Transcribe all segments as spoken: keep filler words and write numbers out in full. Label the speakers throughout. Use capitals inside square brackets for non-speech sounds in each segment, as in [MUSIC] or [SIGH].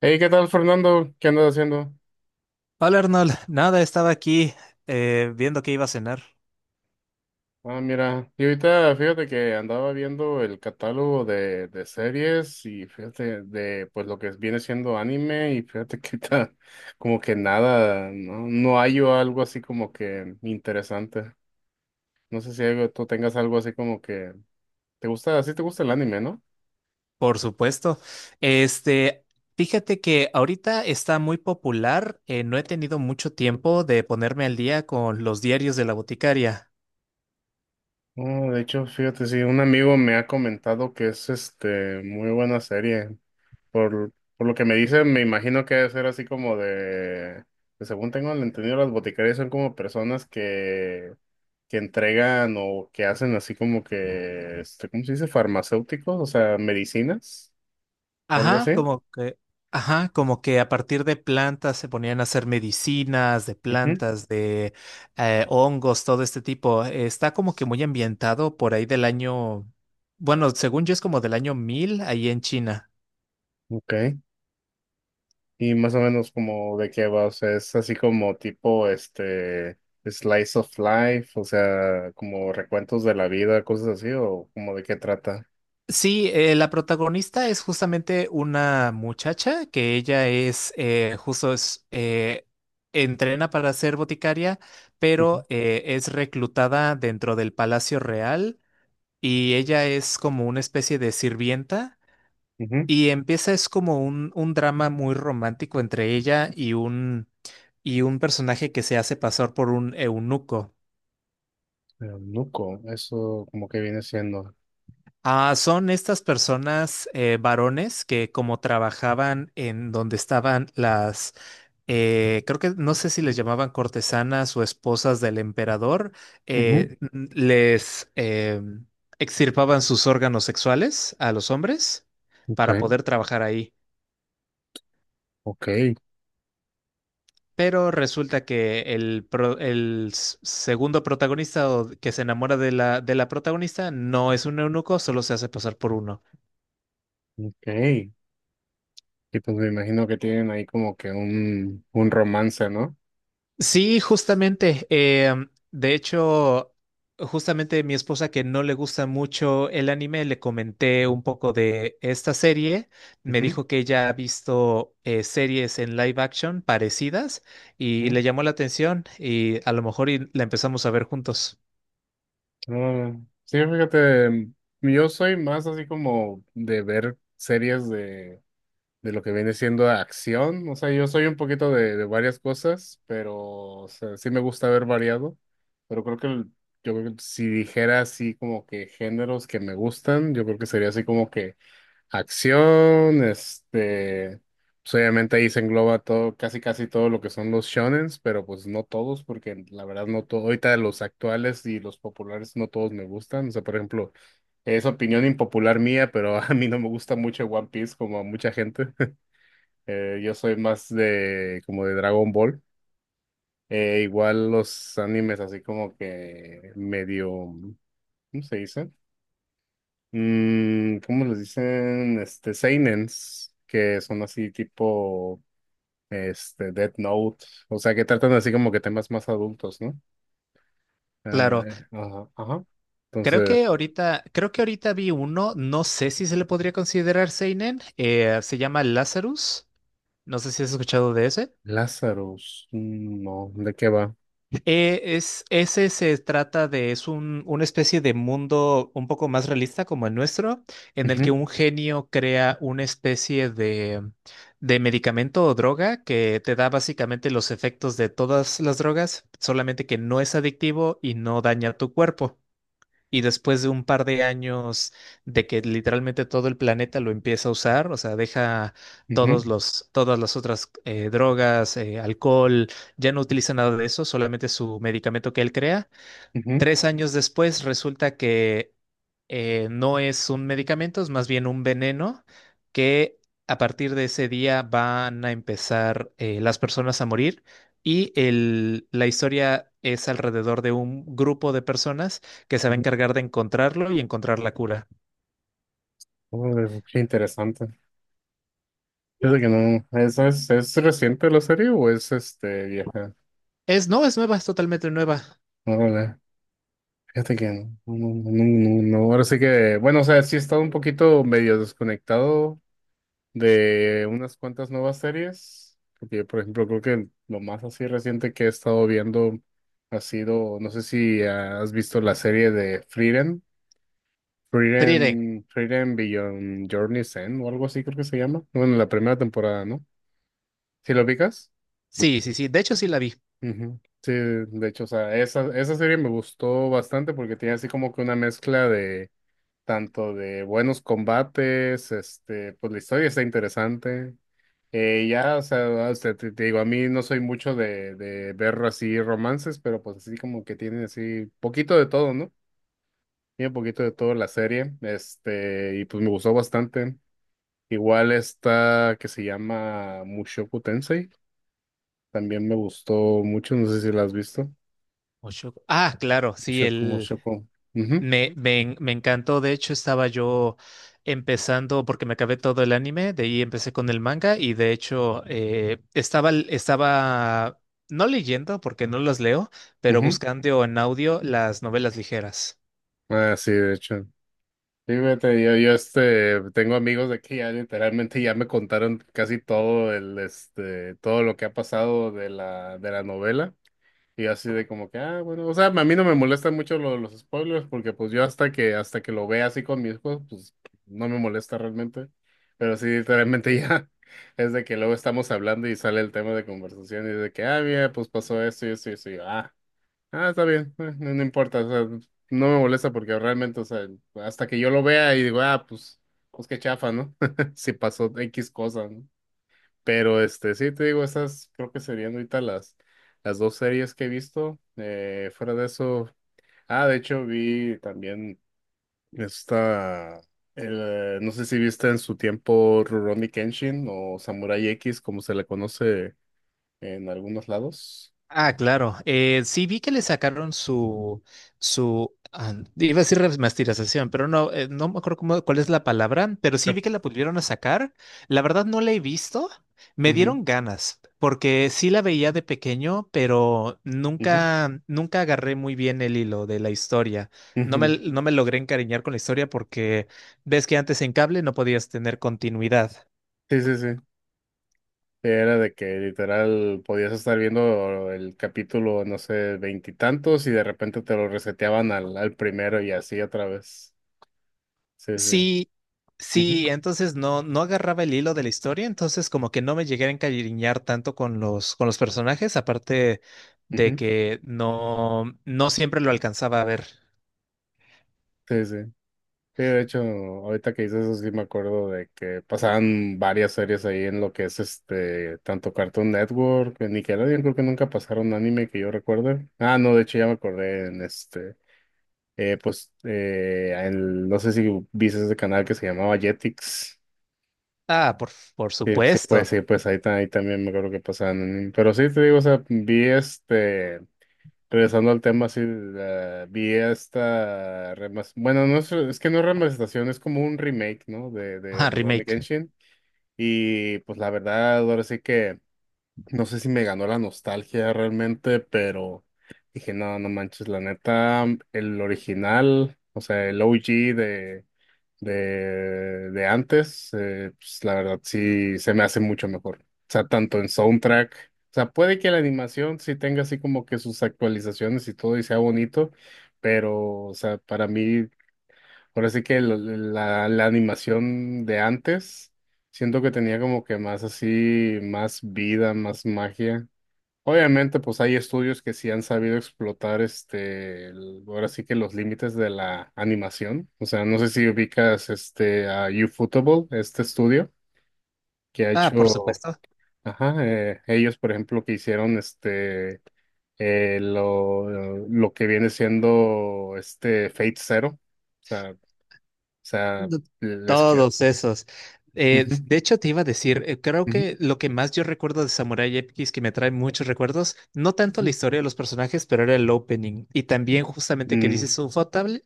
Speaker 1: Hey, ¿qué tal, Fernando? ¿Qué andas haciendo?
Speaker 2: Hola Arnold, nada, estaba aquí eh, viendo que iba a cenar.
Speaker 1: Ah, mira, y ahorita fíjate que andaba viendo el catálogo de, de series y fíjate de pues lo que viene siendo anime y fíjate que ahorita [LAUGHS] como que nada, no, no hallo algo así como que interesante. No sé si algo- tú tengas algo así como que te gusta, así te gusta el anime, ¿no?
Speaker 2: Por supuesto. Este, fíjate que ahorita está muy popular. Eh, no he tenido mucho tiempo de ponerme al día con Los Diarios de la Boticaria.
Speaker 1: Ah, de hecho, fíjate, sí, un amigo me ha comentado que es este muy buena serie. Por, por lo que me dicen, me imagino que debe ser así como de, que según tengo entendido, las boticarias son como personas que, que entregan o que hacen así como que, este, ¿cómo se dice? Farmacéuticos, o sea, medicinas o algo
Speaker 2: Ajá,
Speaker 1: así.
Speaker 2: como que, ajá, como que a partir de plantas se ponían a hacer medicinas de plantas, de eh, hongos, todo este tipo. Eh, Está como que muy ambientado por ahí del año, bueno, según yo es como del año mil ahí en China.
Speaker 1: Ujú. Ok. Y más o menos como de qué va, o sea, es así como tipo, este, slice of life, o sea, como recuentos de la vida, cosas así, o como de qué trata.
Speaker 2: Sí, eh, la protagonista es justamente una muchacha que ella es, eh, justo es, eh, entrena para ser boticaria,
Speaker 1: Ujú,
Speaker 2: pero eh, es reclutada dentro del Palacio Real, y ella es como una especie de sirvienta,
Speaker 1: ujú.
Speaker 2: y empieza es como un, un drama muy romántico entre ella y un, y un personaje que se hace pasar por un eunuco.
Speaker 1: Eunuco, eso como que viene siendo.
Speaker 2: Ah, son estas personas eh, varones que como trabajaban en donde estaban las, eh, creo que no sé si les llamaban cortesanas o esposas del emperador,
Speaker 1: Ujú,
Speaker 2: eh, n- les eh, extirpaban sus órganos sexuales a los hombres para
Speaker 1: ok,
Speaker 2: poder trabajar ahí.
Speaker 1: ok,
Speaker 2: Pero resulta que el, pro- el s- segundo protagonista o que se enamora de la, de la protagonista no es un eunuco, solo se hace pasar por uno.
Speaker 1: ok. Y pues me imagino que tienen ahí como que un, un romance, ¿no?
Speaker 2: Sí, justamente. eh, de hecho, justamente mi esposa, que no le gusta mucho el anime, le comenté un poco de esta serie. Me
Speaker 1: Ujú,
Speaker 2: dijo que ella ha visto eh, series en live action parecidas, y
Speaker 1: ujú.
Speaker 2: le llamó la atención, y a lo mejor y la empezamos a ver juntos.
Speaker 1: Ah, sí, fíjate, yo soy más así como de ver series de, de lo que viene siendo acción. O sea, yo soy un poquito de, de varias cosas, pero o sea, sí me gusta ver variado. Pero creo que el- yo creo que si dijera así como que géneros que me gustan, yo creo que sería así como que acción, este, pues obviamente ahí se engloba todo, casi casi todo lo que son los shonens, pero pues no todos, porque la verdad no todo, ahorita los actuales y los populares no todos me gustan, o sea, por ejemplo, es opinión impopular mía, pero [LAUGHS] a mí no me gusta mucho One Piece como a mucha gente. [LAUGHS] Eh, yo soy más de, como de Dragon Ball. Eh, igual los animes así como que medio, ¿cómo se dice? Mm, ¿cómo les dicen? Este, seinens, que son así tipo, este, Death Note, o sea, que tratan así como que temas más adultos, ¿no? Ah,
Speaker 2: Claro,
Speaker 1: eh, ajá, ajá.
Speaker 2: creo que
Speaker 1: Entonces,
Speaker 2: ahorita, creo que ahorita vi uno, no sé si se le podría considerar seinen. Eh, se llama Lazarus. No sé si has escuchado de ese.
Speaker 1: Lazarus, mm, no, ¿de qué va?
Speaker 2: Eh, es, ese se trata de, es un, una especie de mundo un poco más realista como el nuestro, en el que
Speaker 1: Ujú,
Speaker 2: un genio crea una especie de, de medicamento o droga que te da básicamente los efectos de todas las drogas, solamente que no es adictivo y no daña tu cuerpo. Y después de un par de años de que literalmente todo el planeta lo empieza a usar, o sea, deja
Speaker 1: ujú,
Speaker 2: todos los, todas las otras eh, drogas, eh, alcohol, ya no utiliza nada de eso, solamente su medicamento que él crea.
Speaker 1: ujú,
Speaker 2: Tres años después resulta que eh, no es un medicamento, es más bien un veneno, que a partir de ese día van a empezar eh, las personas a morir, y el- la historia es alrededor de un grupo de personas que se va a
Speaker 1: ujú.
Speaker 2: encargar de encontrarlo y encontrar la cura.
Speaker 1: Oh, qué interesante. Fíjate que no, ¿es, es, es reciente la serie o es, este, vieja?
Speaker 2: Es, no, es nueva, es totalmente nueva.
Speaker 1: Órale. Fíjate que no, no, no, no, no, no, ahora sí que, bueno, o sea, sí he estado un poquito medio desconectado de unas cuantas nuevas series, porque por ejemplo creo que lo más así reciente que he estado viendo ha sido, no sé si has visto la serie de Frieren,
Speaker 2: Frieren.
Speaker 1: Frieren, Frieren Beyond Journey's End o algo así creo que se llama, bueno, la primera temporada, ¿no? ¿Sí lo ubicas?
Speaker 2: Sí, sí, sí, de hecho sí la vi.
Speaker 1: Ujú. Sí, de hecho, o sea, esa, esa serie me gustó bastante porque tiene así como que una mezcla de tanto de buenos combates, este, pues la historia está interesante. Eh, ya, o sea, o sea, te, te digo, a mí no soy mucho de, de ver así romances, pero pues así como que tiene así poquito de todo, ¿no? Tiene poquito de todo la serie, este, y pues me gustó bastante. Igual esta que se llama Mushoku Tensei también me gustó mucho, no sé si la has visto.
Speaker 2: Ocho- Ah, claro, sí,
Speaker 1: Mushoku,
Speaker 2: el
Speaker 1: Mushoku. Ujú,
Speaker 2: Me, me, en- me encantó. De hecho estaba yo empezando, porque me acabé todo el anime, de ahí empecé con el manga. Y de hecho eh, estaba, l- estaba no leyendo, porque no los leo, pero
Speaker 1: ujú.
Speaker 2: buscando en audio las novelas ligeras.
Speaker 1: Ah, sí, de hecho. Sí, fíjate, yo, yo este, tengo amigos de que ya literalmente ya me contaron casi todo el, este, todo lo que ha pasado de la, de la novela. Y yo así de como que, ah, bueno, o sea, a mí no me molestan mucho lo- los spoilers porque pues yo hasta que, hasta que lo vea así con mis hijos, pues no me molesta realmente. Pero sí, literalmente ya [LAUGHS] es de que luego estamos hablando y sale el tema de conversación y de que, ah, mira, pues pasó esto y esto y esto. Ah, está bien, eh, no, no importa, o sea, no me molesta porque realmente, o sea, hasta que yo lo vea y digo, ah, pues, pues, qué chafa, ¿no? [LAUGHS] Si pasó X cosa, ¿no? Pero este, sí, te digo, esas creo que serían ahorita las, las dos series que he visto. Eh, fuera de eso, ah, de hecho vi también esta, el, eh, no sé si viste en su tiempo Rurouni Kenshin o Samurai X, como se le conoce en algunos lados.
Speaker 2: Ah, claro. Eh, sí vi que le sacaron su, su, ah, iba a decir remasterización, pero no, eh, no me acuerdo cómo- cuál es la palabra, pero sí vi que la volvieron a sacar. La verdad no la he visto. Me
Speaker 1: Ujú,
Speaker 2: dieron ganas, porque sí la veía de pequeño, pero
Speaker 1: ujú,
Speaker 2: nunca, nunca agarré muy bien el hilo de la historia. No
Speaker 1: ujú.
Speaker 2: me, no me logré encariñar con la historia, porque ves que antes en cable no podías tener continuidad.
Speaker 1: Sí, sí, sí. Era de que literal podías estar viendo el capítulo, no sé, veintitantos y de repente te lo reseteaban al, al primero y así otra vez. Sí, sí.
Speaker 2: Sí,
Speaker 1: Ujú,
Speaker 2: sí, entonces no, no agarraba el hilo de la historia, entonces como que no me llegué a encariñar tanto con los, con los personajes, aparte de
Speaker 1: ujú.
Speaker 2: que no, no siempre lo alcanzaba a ver.
Speaker 1: Sí, sí. Sí, de hecho, ahorita que dices eso sí me acuerdo de que pasaban varias series ahí en lo que es este, tanto Cartoon Network, en Nickelodeon, creo que nunca pasaron anime que yo recuerde. Ah, no, de hecho ya me acordé en este, eh, pues, eh, en- no sé si viste ese canal que se llamaba Jetix.
Speaker 2: Ah, por, por
Speaker 1: Sí, sí, pues
Speaker 2: supuesto.
Speaker 1: sí, pues ahí, ta- ahí también me acuerdo que pasaban. Pero sí, te digo, o sea, vi este, regresando al tema, sí, la- vi esta, remas- bueno, no es, es que no es remasterización, es como un remake, ¿no? De, de
Speaker 2: Ah,
Speaker 1: Rurouni
Speaker 2: remake.
Speaker 1: Kenshin. Y pues la verdad, ahora sí que, no sé si me ganó la nostalgia realmente, pero dije, no, no manches, la neta, el original, o sea, el O G de de, de antes, eh, pues la verdad sí se me hace mucho mejor. O sea, tanto en soundtrack, o sea, puede que la animación sí tenga así como que sus actualizaciones y todo y sea bonito, pero, o sea, para mí, ahora sí que lo- la, la animación de antes, siento que tenía como que más así, más vida, más magia. Obviamente, pues hay estudios que sí han sabido explotar este, el- ahora sí que los límites de la animación. O sea, no sé si ubicas este a Ufotable, este estudio que ha
Speaker 2: Ah, por
Speaker 1: hecho,
Speaker 2: supuesto.
Speaker 1: ajá, eh, ellos, por ejemplo, que hicieron este eh, lo, lo que viene siendo este Fate Zero. O sea, o sea,
Speaker 2: No,
Speaker 1: les queda.
Speaker 2: todos esos. Eh,
Speaker 1: Ujú,
Speaker 2: de hecho, te iba a decir, eh, creo
Speaker 1: ujú,
Speaker 2: que lo que más yo recuerdo de Samurai X, que me trae muchos recuerdos, no tanto
Speaker 1: ujú.
Speaker 2: la historia de los personajes, pero era el opening. Y también, justamente que
Speaker 1: Mm,
Speaker 2: dices Ufotable,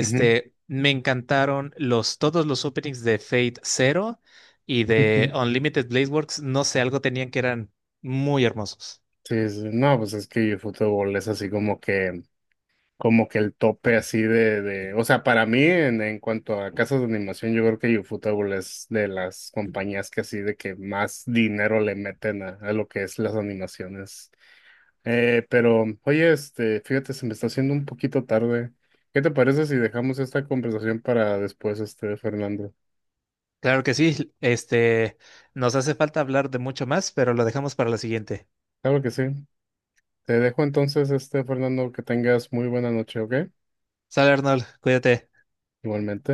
Speaker 1: ujú,
Speaker 2: me encantaron los, todos los openings de Fate Zero y de
Speaker 1: ujú.
Speaker 2: Unlimited Blade Works. No sé, algo tenían que eran muy hermosos.
Speaker 1: Sí, sí, sí. No, pues es que eFootball es así como que, como que el tope así de, de, o sea, para mí en, en cuanto a casas de animación, yo creo que Ufotable es de las compañías que así de que más dinero le meten a, a lo que es las animaciones. Eh, pero, oye, este, fíjate, se me está haciendo un poquito tarde. ¿Qué te parece si dejamos esta conversación para después, este, Fernando?
Speaker 2: Claro que sí, este, nos hace falta hablar de mucho más, pero lo dejamos para la siguiente.
Speaker 1: Claro que sí. Te dejo entonces, este, Fernando, que tengas muy buena noche, ¿ok?
Speaker 2: Sale Arnold, cuídate.
Speaker 1: Igualmente.